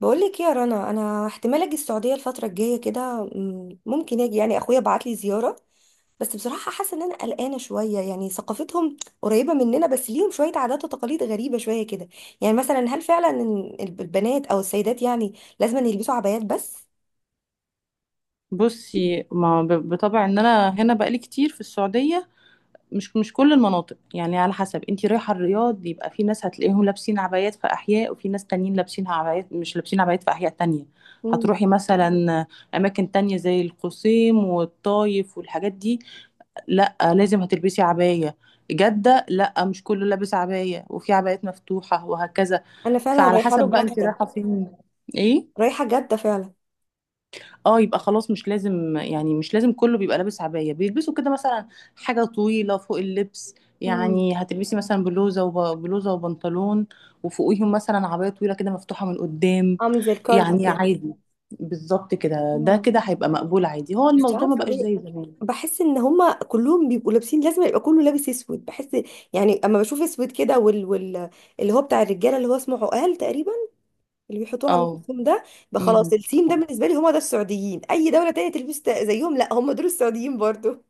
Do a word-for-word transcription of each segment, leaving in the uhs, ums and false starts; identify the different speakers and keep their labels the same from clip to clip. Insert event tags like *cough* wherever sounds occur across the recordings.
Speaker 1: بقولك إيه يا رنا، انا احتمال اجي السعوديه الفتره الجايه كده، م- ممكن اجي، يعني اخويا بعت لي زياره. بس بصراحه حاسه ان انا قلقانه شويه، يعني ثقافتهم قريبه مننا بس ليهم شويه عادات وتقاليد غريبه شويه كده. يعني مثلا هل فعلا إن الب- البنات او السيدات يعني لازم أن يلبسوا عبايات بس؟
Speaker 2: بصي ما ب- بطبع ان انا هنا بقالي كتير في السعوديه. مش مش كل المناطق، يعني على حسب انتي رايحه. الرياض يبقى في ناس هتلاقيهم لابسين عبايات في احياء، وفي ناس تانيين لابسين عبايات مش لابسين عبايات في احياء تانية.
Speaker 1: مم.
Speaker 2: هتروحي مثلا اماكن تانية زي القصيم والطايف والحاجات دي، لا لازم هتلبسي عبايه. جده لا، مش كله لابس عبايه، وفي عبايات مفتوحه وهكذا.
Speaker 1: انا فعلا
Speaker 2: فعلى
Speaker 1: رايحه
Speaker 2: حسب بقى
Speaker 1: له
Speaker 2: انتي
Speaker 1: جده.
Speaker 2: رايحه فين؟ ايه؟
Speaker 1: رايحه جده فعلا.
Speaker 2: اه يبقى خلاص مش لازم، يعني مش لازم كله بيبقى لابس عباية. بيلبسوا كده مثلا حاجة طويلة فوق اللبس،
Speaker 1: مم.
Speaker 2: يعني هتلبسي مثلا بلوزة وبلوزة وبنطلون، وفوقيهم مثلا عباية طويلة كده مفتوحة من قدام،
Speaker 1: عامل زي الكارديو
Speaker 2: يعني
Speaker 1: كده.
Speaker 2: عادي. بالظبط كده، ده
Speaker 1: مم.
Speaker 2: كده هيبقى مقبول عادي، هو
Speaker 1: مش
Speaker 2: الموضوع ما
Speaker 1: عارفه.
Speaker 2: بقاش زي زمان.
Speaker 1: بحس ان هما كلهم بيبقوا لابسين، لازم يبقى كله لابس اسود بحس. يعني اما بشوف اسود كده وال... وال... اللي هو بتاع الرجاله، اللي هو اسمه عقال تقريبا، اللي بيحطوه على
Speaker 2: اه،
Speaker 1: راسهم ده. بقى خلاص
Speaker 2: مهم.
Speaker 1: السيم ده بالنسبه لي، هما ده السعوديين، اي دوله تانية تلبس ت- زيهم لا، هما دول السعوديين برضو.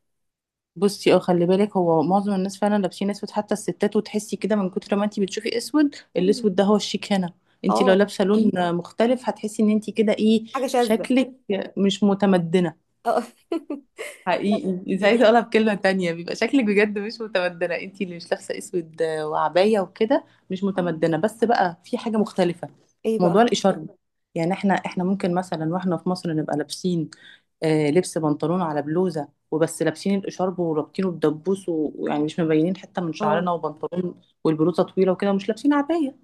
Speaker 2: بصي، اه خلي بالك، هو معظم الناس فعلا لابسين اسود حتى الستات، وتحسي كده من كتر ما انتي بتشوفي اسود.
Speaker 1: مم.
Speaker 2: الاسود ده هو الشيك هنا. انتي لو
Speaker 1: اه.
Speaker 2: لابسه لون مختلف، هتحسي ان انتي كده ايه،
Speaker 1: حاجه شاذه.
Speaker 2: شكلك مش متمدنه.
Speaker 1: اه. *laughs* لا،
Speaker 2: حقيقي اذا عايزه اقولها
Speaker 1: بجد.
Speaker 2: بكلمه تانية، بيبقى شكلك بجد مش متمدنه. انتي اللي مش لابسه اسود وعبايه وكده مش
Speaker 1: آه.
Speaker 2: متمدنه، بس بقى في حاجه مختلفه.
Speaker 1: ايه
Speaker 2: موضوع
Speaker 1: بقى؟
Speaker 2: الاشاره، يعني احنا احنا ممكن مثلا واحنا في مصر نبقى لابسين آه، لبس بنطلون على بلوزة وبس، لابسين الإشارب ورابطينه بدبوس و- ويعني مش مبينين حتة من
Speaker 1: اه.
Speaker 2: شعرنا، وبنطلون والبلوزة طويلة وكده، ومش لابسين عباية.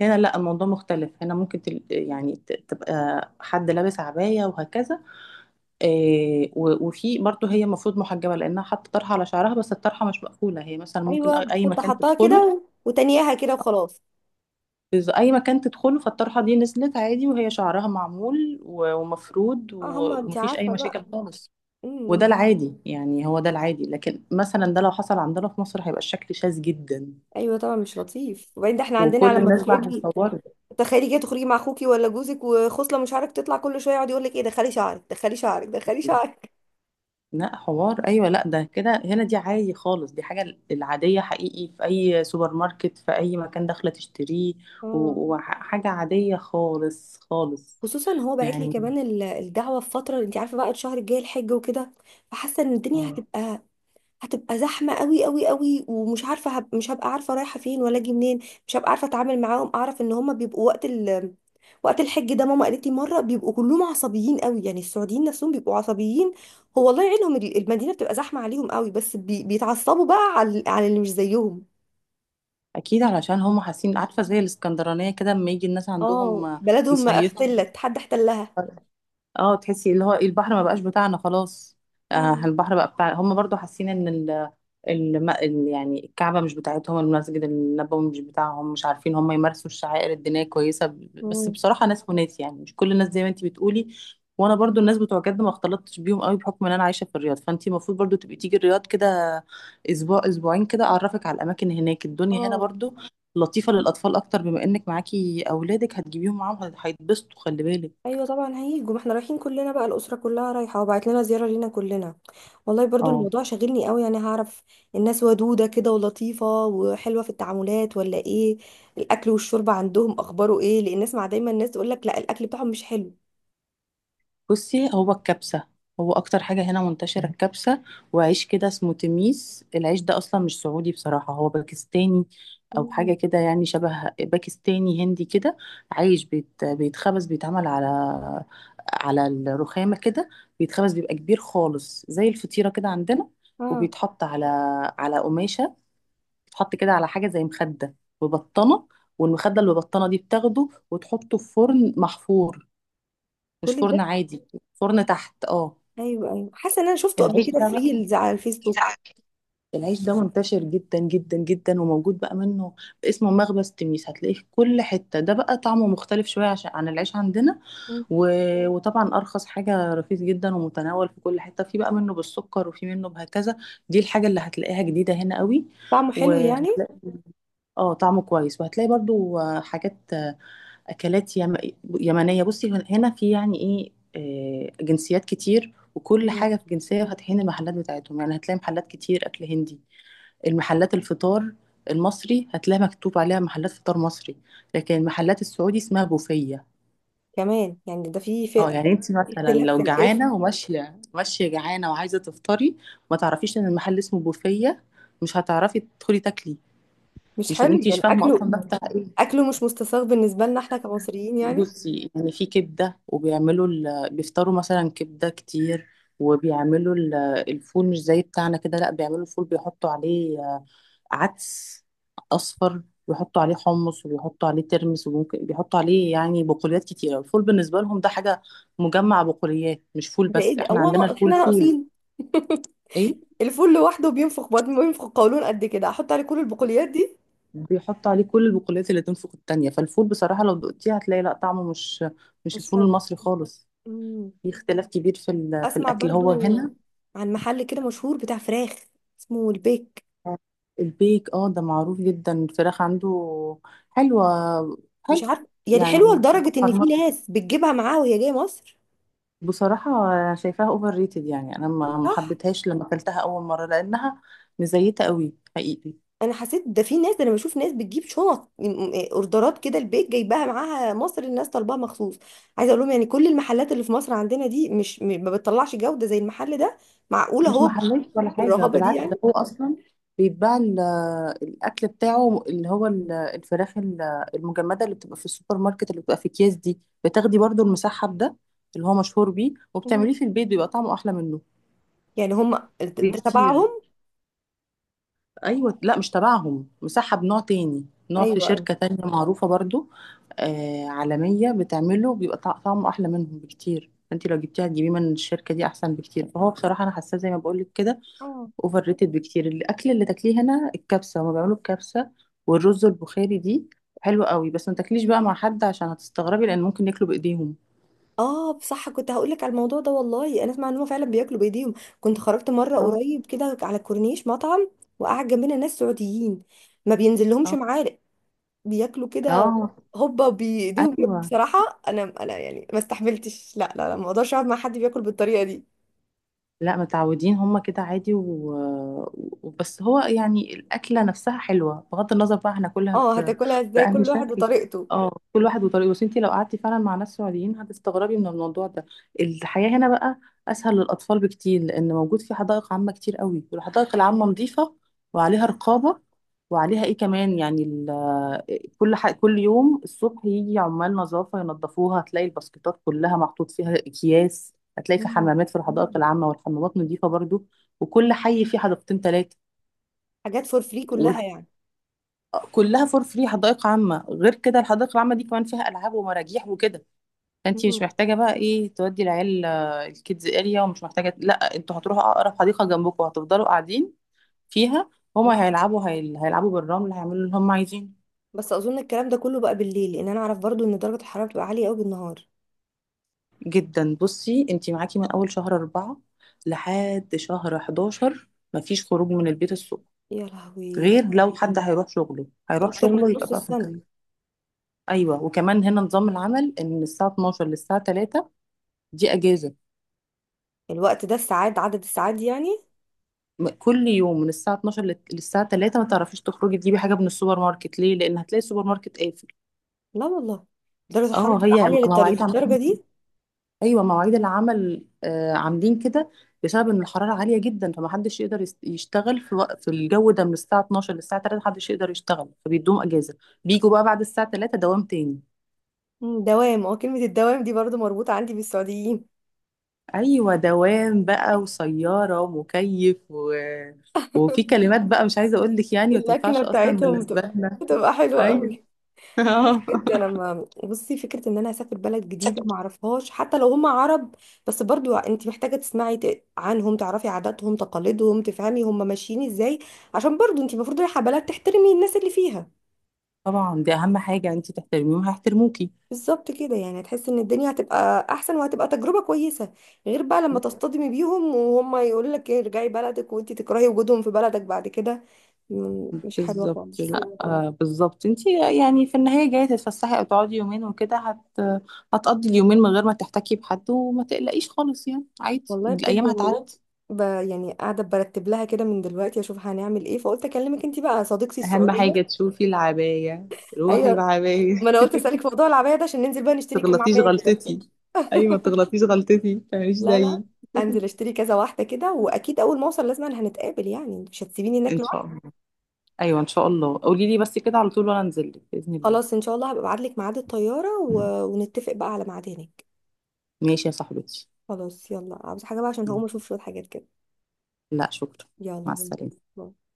Speaker 2: هنا لا، الموضوع مختلف. هنا ممكن تل... يعني ت- تبقى حد لابس عباية وهكذا. آه، و- وفي برضه هي المفروض محجبة، لأنها حاطة طرحة على شعرها، بس الطرحة مش مقفولة. هي مثلا ممكن
Speaker 1: ايوه،
Speaker 2: أي أي
Speaker 1: بتحط
Speaker 2: مكان
Speaker 1: حطها كده
Speaker 2: تدخله،
Speaker 1: و... وتانياها كده وخلاص.
Speaker 2: بز- اي مكان تدخله فالطرحه دي نزلت عادي، وهي شعرها معمول و- ومفرود
Speaker 1: اه،
Speaker 2: و-
Speaker 1: هما انت
Speaker 2: ومفيش اي
Speaker 1: عارفه
Speaker 2: مشاكل
Speaker 1: بقى.
Speaker 2: خالص.
Speaker 1: امم
Speaker 2: وده
Speaker 1: إمم.
Speaker 2: العادي، يعني هو ده العادي. لكن مثلا ده لو حصل عندنا في مصر هيبقى الشكل شاذ جدا،
Speaker 1: ايوه طبعا، مش لطيف، وبعدين ده احنا عندنا
Speaker 2: وكل
Speaker 1: لما
Speaker 2: الناس بقى
Speaker 1: تخرجي.
Speaker 2: هتصور.
Speaker 1: تخيلي كده تخرجي مع اخوكي ولا جوزك، وخصله من شعرك تطلع كل شويه يقعد يقول لك ايه، دخلي شعرك دخلي شعرك دخلي شعرك.
Speaker 2: لا حوار، ايوه، لا ده كده هنا دي عادي خالص، دي حاجه العاديه حقيقي. في اي سوبر ماركت، في اي مكان داخله تشتريه،
Speaker 1: اه.
Speaker 2: و- وحاجه عاديه خالص خالص،
Speaker 1: خصوصا هو باعت لي
Speaker 2: يعني.
Speaker 1: كمان ال- الدعوه في فتره انت عارفه بقى الشهر الجاي الحج وكده. فحاسه ان الدنيا
Speaker 2: آه.
Speaker 1: هتبقى هتبقى زحمة قوي قوي قوي، ومش عارفة هب... مش هبقى عارفة رايحة فين ولا اجي منين. مش هبقى عارفة اتعامل معاهم، اعرف ان هما بيبقوا وقت ال... وقت الحج ده، ماما قالت لي مرة بيبقوا كلهم عصبيين قوي، يعني السعوديين نفسهم بيبقوا عصبيين. هو الله يعينهم، ال- المدينة بتبقى زحمة عليهم قوي، بس بي... بيتعصبوا بقى على على اللي مش زيهم.
Speaker 2: اكيد علشان هم حاسين، عارفه زي الاسكندرانيه كده لما يجي الناس
Speaker 1: اه،
Speaker 2: عندهم
Speaker 1: بلدهم ما
Speaker 2: يصيفوا،
Speaker 1: احتلت حد احتلها.
Speaker 2: اه تحسي اللي هو البحر ما بقاش بتاعنا خلاص. آه
Speaker 1: اه.
Speaker 2: البحر بقى بتاع هم، برضو حاسين ان ال... الم... ال- يعني الكعبة مش بتاعتهم، المسجد النبوي مش بتاعهم، مش عارفين هم يمارسوا الشعائر الدينية كويسة. ب- بس
Speaker 1: مم.
Speaker 2: بصراحة ناس وناس، يعني مش كل الناس زي ما انت بتقولي. وانا برضو الناس بتوع جد ما اختلطتش بيهم قوي، بحكم ان انا عايشة في الرياض. فانت المفروض برضو تبقي تيجي الرياض كده اسبوع اسبوعين كده، اعرفك على الاماكن هناك. الدنيا هنا
Speaker 1: اه.
Speaker 2: برضو لطيفة للاطفال اكتر، بما انك معاكي اولادك هتجيبيهم معاهم، هيتبسطوا خلي بالك.
Speaker 1: ايوه طبعا هيجوا، ما احنا رايحين كلنا بقى، الاسره كلها رايحه وبعت لنا زياره لينا كلنا. والله برضو
Speaker 2: اه.
Speaker 1: الموضوع شاغلني قوي، يعني هعرف الناس ودوده كده ولطيفه وحلوه في التعاملات ولا ايه؟ الاكل والشرب عندهم اخباره ايه؟ لان اسمع دايما الناس تقول لك لا، الاكل بتاعهم مش حلو.
Speaker 2: بصي هو الكبسة، هو أكتر حاجة هنا منتشرة الكبسة. وعيش كده اسمه تميس، العيش ده أصلا مش سعودي بصراحة، هو باكستاني أو
Speaker 1: مم.
Speaker 2: حاجة كده، يعني شبه باكستاني هندي كده. عيش بيت، بيتخبز، بيتعمل على على الرخامة كده، بيتخبز، بيبقى كبير خالص زي الفطيرة كده عندنا،
Speaker 1: اه،
Speaker 2: وبيتحط على على قماشة، بيتحط كده على حاجة زي مخدة وبطانة، والمخدة اللي ببطانة دي بتاخده وتحطه في فرن محفور، مش
Speaker 1: كل
Speaker 2: فرن
Speaker 1: ده.
Speaker 2: عادي، فرن تحت، اه.
Speaker 1: ايوه، ايوه، حاسه ان انا شفته قبل
Speaker 2: العيش
Speaker 1: كده
Speaker 2: ده
Speaker 1: في
Speaker 2: بقى،
Speaker 1: ريلز على الفيسبوك.
Speaker 2: العيش ده منتشر جدا جدا جدا، وموجود بقى منه، اسمه مخبز تميس، هتلاقيه في كل حتة. ده بقى طعمه مختلف شوية عشان عن العيش عندنا،
Speaker 1: مم.
Speaker 2: و... وطبعا أرخص حاجة، رخيص جدا ومتناول في كل حتة. في بقى منه بالسكر، وفي منه بهكذا. دي الحاجة اللي هتلاقيها جديدة هنا قوي.
Speaker 1: طعمه حلو يعني؟
Speaker 2: وهتلاقي اه طعمه كويس. وهتلاقي برضو حاجات، اكلات يم... يمنيه. بصي هن- هنا في، يعني ايه، آه، جنسيات كتير، وكل
Speaker 1: مم.
Speaker 2: حاجه في جنسيه فاتحين المحلات بتاعتهم، يعني هتلاقي محلات كتير اكل هندي. المحلات الفطار المصري هتلاقي مكتوب عليها محلات فطار مصري، لكن محلات السعودي اسمها بوفيه.
Speaker 1: كمان يعني ده في في
Speaker 2: اه يعني انت
Speaker 1: في
Speaker 2: مثلا
Speaker 1: اختلاف في
Speaker 2: لو
Speaker 1: الاسم.
Speaker 2: جعانه وماشيه ماشيه جعانه وعايزه تفطري، ما تعرفيش ان المحل اسمه بوفيه، مش هتعرفي تدخلي تاكلي،
Speaker 1: مش
Speaker 2: مش
Speaker 1: حلو
Speaker 2: انت مش
Speaker 1: يعني
Speaker 2: فاهمه اصلا
Speaker 1: اكله.
Speaker 2: ده بتاع ايه.
Speaker 1: اكله مش مستساغ بالنسبه لنا احنا كمصريين يعني.
Speaker 2: بصي يعني في كبدة، وبيعملوا ال... بيفطروا مثلا كبدة كتير، وبيعملوا ال... الفول مش زي بتاعنا كده، لا بيعملوا الفول بيحطوا عليه آه، عدس أصفر، ويحطوا عليه حمص، وبيحطوا عليه ترمس، وممكن بيحطوا عليه يعني بقوليات كتيرة. الفول بالنسبة لهم ده حاجة مجمع بقوليات، مش فول
Speaker 1: ده
Speaker 2: بس.
Speaker 1: ايه ده،
Speaker 2: احنا
Speaker 1: هو
Speaker 2: عندنا
Speaker 1: ناقص
Speaker 2: الفول
Speaker 1: احنا
Speaker 2: فول.
Speaker 1: ناقصين؟
Speaker 2: ايه
Speaker 1: الفول لوحده بينفخ بطن بينفخ قولون قد كده، احط عليه كل البقوليات دي؟
Speaker 2: بيحطوا عليه كل البقوليات اللي تنفخ التانية. فالفول بصراحة لو دقتيه هتلاقي لا طعمه مش مش
Speaker 1: مش
Speaker 2: الفول
Speaker 1: حلو.
Speaker 2: المصري خالص.
Speaker 1: امم
Speaker 2: في اختلاف كبير في ال... في
Speaker 1: اسمع
Speaker 2: الأكل
Speaker 1: برضو
Speaker 2: هو هنا.
Speaker 1: عن محل كده مشهور بتاع فراخ، اسمه البيك.
Speaker 2: البيك اه ده معروف جدا، الفراخ عنده حلوة،
Speaker 1: مش
Speaker 2: حلو
Speaker 1: عارف يعني، حلوه
Speaker 2: يعني.
Speaker 1: لدرجه ان في
Speaker 2: فرمت-
Speaker 1: ناس بتجيبها معاها وهي جايه مصر.
Speaker 2: بصراحة شايفاها اوفر ريتد، يعني انا ما ما
Speaker 1: صح.
Speaker 2: حبيتهاش لما اكلتها اول مرة، لانها مزيتة قوي حقيقي.
Speaker 1: انا حسيت ده، في ناس، ده انا بشوف ناس بتجيب شنط من- إيه، اوردرات كده، البيك جايباها معاها مصر، الناس طالباها مخصوص. عايزه اقول لهم يعني كل المحلات اللي في مصر عندنا دي مش م- ما بتطلعش جوده زي المحل ده. معقوله
Speaker 2: مش
Speaker 1: هو
Speaker 2: محلية ولا حاجة
Speaker 1: بالرهابه دي؟
Speaker 2: بالعكس، ده هو اصلا بيتباع ال- الاكل بتاعه اللي هو ال- الفراخ ال- المجمدة اللي بتبقى في السوبر ماركت، اللي بتبقى في اكياس دي، بتاخدي برضو المسحب ده اللي هو مشهور بيه،
Speaker 1: يعني،
Speaker 2: وبتعمليه في البيت بيبقى طعمه احلى منه
Speaker 1: يعني هم، ده
Speaker 2: بكتير.
Speaker 1: تبعهم؟
Speaker 2: ايوه لا مش تبعهم، مساحه بنوع تاني، نوع في
Speaker 1: ايوه، ايوه.
Speaker 2: شركه تانية معروفه برضو، آه عالميه، بتعمله بيبقى طع- طعمه احلى منهم بكتير. انت لو جبتيها تجيبيه من الشركه دي احسن بكتير. فهو بصراحه انا حاساه زي ما بقول لك كده،
Speaker 1: اه.
Speaker 2: اوفر ريتد بكتير. الاكل اللي تاكليه هنا الكبسه، هما بيعملوا الكبسه والرز البخاري دي حلوه قوي، بس ما تاكليش بقى مع حد عشان هتستغربي، لان ممكن ياكلوا بايديهم.
Speaker 1: اه صح، كنت هقول لك على الموضوع ده، والله انا اسمع ان هم فعلا بياكلوا بايديهم. كنت خرجت مره
Speaker 2: اه،
Speaker 1: قريب كده على الكورنيش مطعم، وقعد جنبنا ناس سعوديين، ما بينزل لهمش
Speaker 2: اه،
Speaker 1: معالق، بياكلوا كده
Speaker 2: آه،
Speaker 1: هوبا بايديهم كده.
Speaker 2: ايوه.
Speaker 1: بصراحه انا انا يعني ما استحملتش، لا لا لا، ما اقدرش اقعد مع حد بياكل بالطريقه دي.
Speaker 2: لا متعودين هما كده عادي، و... وبس هو يعني الأكلة نفسها حلوة بغض النظر بقى هناكلها
Speaker 1: اه،
Speaker 2: ب...
Speaker 1: هتاكلها ازاي؟
Speaker 2: بأنهي
Speaker 1: كل واحد
Speaker 2: شكل.
Speaker 1: وطريقته.
Speaker 2: اه كل واحد وطريقه، بس انتي لو قعدتي فعلا مع ناس سعوديين هتستغربي من الموضوع ده. الحياة هنا بقى أسهل للأطفال بكتير، لأن موجود في حدائق عامة كتير قوي، والحدائق العامة نظيفة وعليها رقابة، وعليها ايه كمان، يعني ال- كل ح... كل يوم الصبح يجي عمال نظافه ينظفوها، هتلاقي الباسكتات كلها محطوط فيها اكياس، هتلاقي في
Speaker 1: مم.
Speaker 2: حمامات في الحدائق العامه، والحمامات نظيفه برضو، وكل حي فيه حديقتين ثلاثه،
Speaker 1: حاجات فور فري كلها يعني؟
Speaker 2: كلها فور فري. حدائق عامه، غير كده الحدائق العامه دي كمان فيها العاب ومراجيح وكده. فانت
Speaker 1: مم.
Speaker 2: مش محتاجه بقى ايه، تودي العيال آه، الكيدز اريا، ومش محتاجه. لا، انتوا هتروحوا اقرب حديقه جنبكم، هتفضلوا قاعدين فيها، هما
Speaker 1: مم.
Speaker 2: هيلعبوا، هيل... هيلعبوا بالرمل، هيعملوا اللي هما عايزينه.
Speaker 1: بس اظن الكلام ده كله بقى بالليل، لان انا اعرف برضو ان درجه الحراره بتبقى عاليه قوي بالنهار.
Speaker 2: جدا. بصي انتي معاكي من اول شهر أربعة لحد شهر حداشر مفيش خروج من البيت الصبح،
Speaker 1: يا لهوي!
Speaker 2: غير لو حد هيروح شغله
Speaker 1: ده
Speaker 2: هيروح
Speaker 1: اكتر من
Speaker 2: شغله، يبقى
Speaker 1: نص
Speaker 2: بقى في
Speaker 1: السنه!
Speaker 2: مكان. ايوه وكمان هنا نظام العمل ان من الساعه اتناشر للساعه تلاته دي اجازه.
Speaker 1: الوقت ده الساعات، عدد الساعات دي يعني؟
Speaker 2: م- كل يوم من الساعه اتناشر لل- للساعه تلاته ما تعرفيش تخرجي تجيبي حاجه من السوبر ماركت، ليه؟ لان هتلاقي السوبر ماركت قافل.
Speaker 1: لا والله، درجه الحراره
Speaker 2: اه،
Speaker 1: بتبقى
Speaker 2: هي
Speaker 1: عاليه للطريق
Speaker 2: مواعيد عمل.
Speaker 1: الدرجه دي؟
Speaker 2: ايوه مواعيد العمل، آه، عاملين كده بسبب ان الحراره عاليه جدا، فمحدش يقدر يس- يشتغل في وقت، في الجو ده من الساعه اتناشر للساعه تلاته محدش يقدر يشتغل، فبيدوم اجازه، بيجوا بقى بعد الساعه تلاته دوام تاني.
Speaker 1: مم، دوام، اه، كلمه الدوام دي برضو مربوطه عندي بالسعوديين.
Speaker 2: ايوه دوام بقى، وسياره ومكيف و... وفي كلمات بقى مش عايزه اقول لك،
Speaker 1: *laughs*
Speaker 2: يعني ما
Speaker 1: اللكنه
Speaker 2: تنفعش اصلا
Speaker 1: بتاعتهم
Speaker 2: بالنسبه
Speaker 1: بتبقى
Speaker 2: لنا.
Speaker 1: بتبقى حلوه
Speaker 2: ايوه.
Speaker 1: قوي.
Speaker 2: *laughs*
Speaker 1: بجد انا ما بصي فكره ان انا اسافر بلد جديده ما اعرفهاش، حتى لو هم عرب. بس برضو انت محتاجه تسمعي ت- عنهم، تعرفي عاداتهم تقاليدهم، تفهمي هم ماشيين ازاي. عشان برضو انت المفروض رايحه بلد تحترمي الناس اللي فيها.
Speaker 2: طبعا دي اهم حاجه، يعني انت تحترميهم هيحترموكي.
Speaker 1: بالظبط كده، يعني هتحسي ان الدنيا هتبقى احسن وهتبقى تجربه كويسه. غير بقى لما تصطدمي بيهم وهم يقول لك إيه، ارجعي بلدك، وانت تكرهي وجودهم في بلدك بعد كده. م- مش حلوه
Speaker 2: بالظبط،
Speaker 1: خالص.
Speaker 2: لا آه، بالظبط. انت يعني في النهاية جاية تتفسحي او تقعدي يومين وكده، هت... هتقضي اليومين من غير ما تحتكي بحد، وما تقلقيش خالص، يعني عادي
Speaker 1: والله بجد
Speaker 2: الايام
Speaker 1: يعني.
Speaker 2: هتعدي.
Speaker 1: ب... يعني قاعده برتب لها كده من دلوقتي، اشوف هنعمل ايه، فقلت اكلمك انت بقى صديقتي
Speaker 2: اهم
Speaker 1: السعوديه.
Speaker 2: حاجة تشوفي العباية، روحي
Speaker 1: ايوه، ما
Speaker 2: بعباية.
Speaker 1: انا قلت اسالك في موضوع العبايه ده عشان ننزل بقى
Speaker 2: *laughs*
Speaker 1: نشتري كام
Speaker 2: تغلطيش
Speaker 1: عبايه بجد كده.
Speaker 2: غلطتي، ايوه ما تغلطيش غلطتي، ما تعمليش
Speaker 1: لا، لا.
Speaker 2: زيي.
Speaker 1: انزل اشتري كذا واحده كده، واكيد اول ما اوصل لازم هنتقابل، يعني مش هتسيبيني
Speaker 2: ان
Speaker 1: هناك
Speaker 2: شاء
Speaker 1: لوحدي.
Speaker 2: الله. ايوه ان شاء الله، قولي لي بس كده على طول وانا انزل لك باذن الله.
Speaker 1: خلاص ان شاء الله هبقى ابعت لك ميعاد الطياره و... ونتفق بقى على ميعاد هناك.
Speaker 2: ماشي يا صاحبتي.
Speaker 1: خلاص، يلا، عاوز حاجه بقى؟ عشان هقوم اشوف شويه حاجات كده.
Speaker 2: لا شكرا.
Speaker 1: يلا،
Speaker 2: مع
Speaker 1: باي.
Speaker 2: السلامة.
Speaker 1: باي.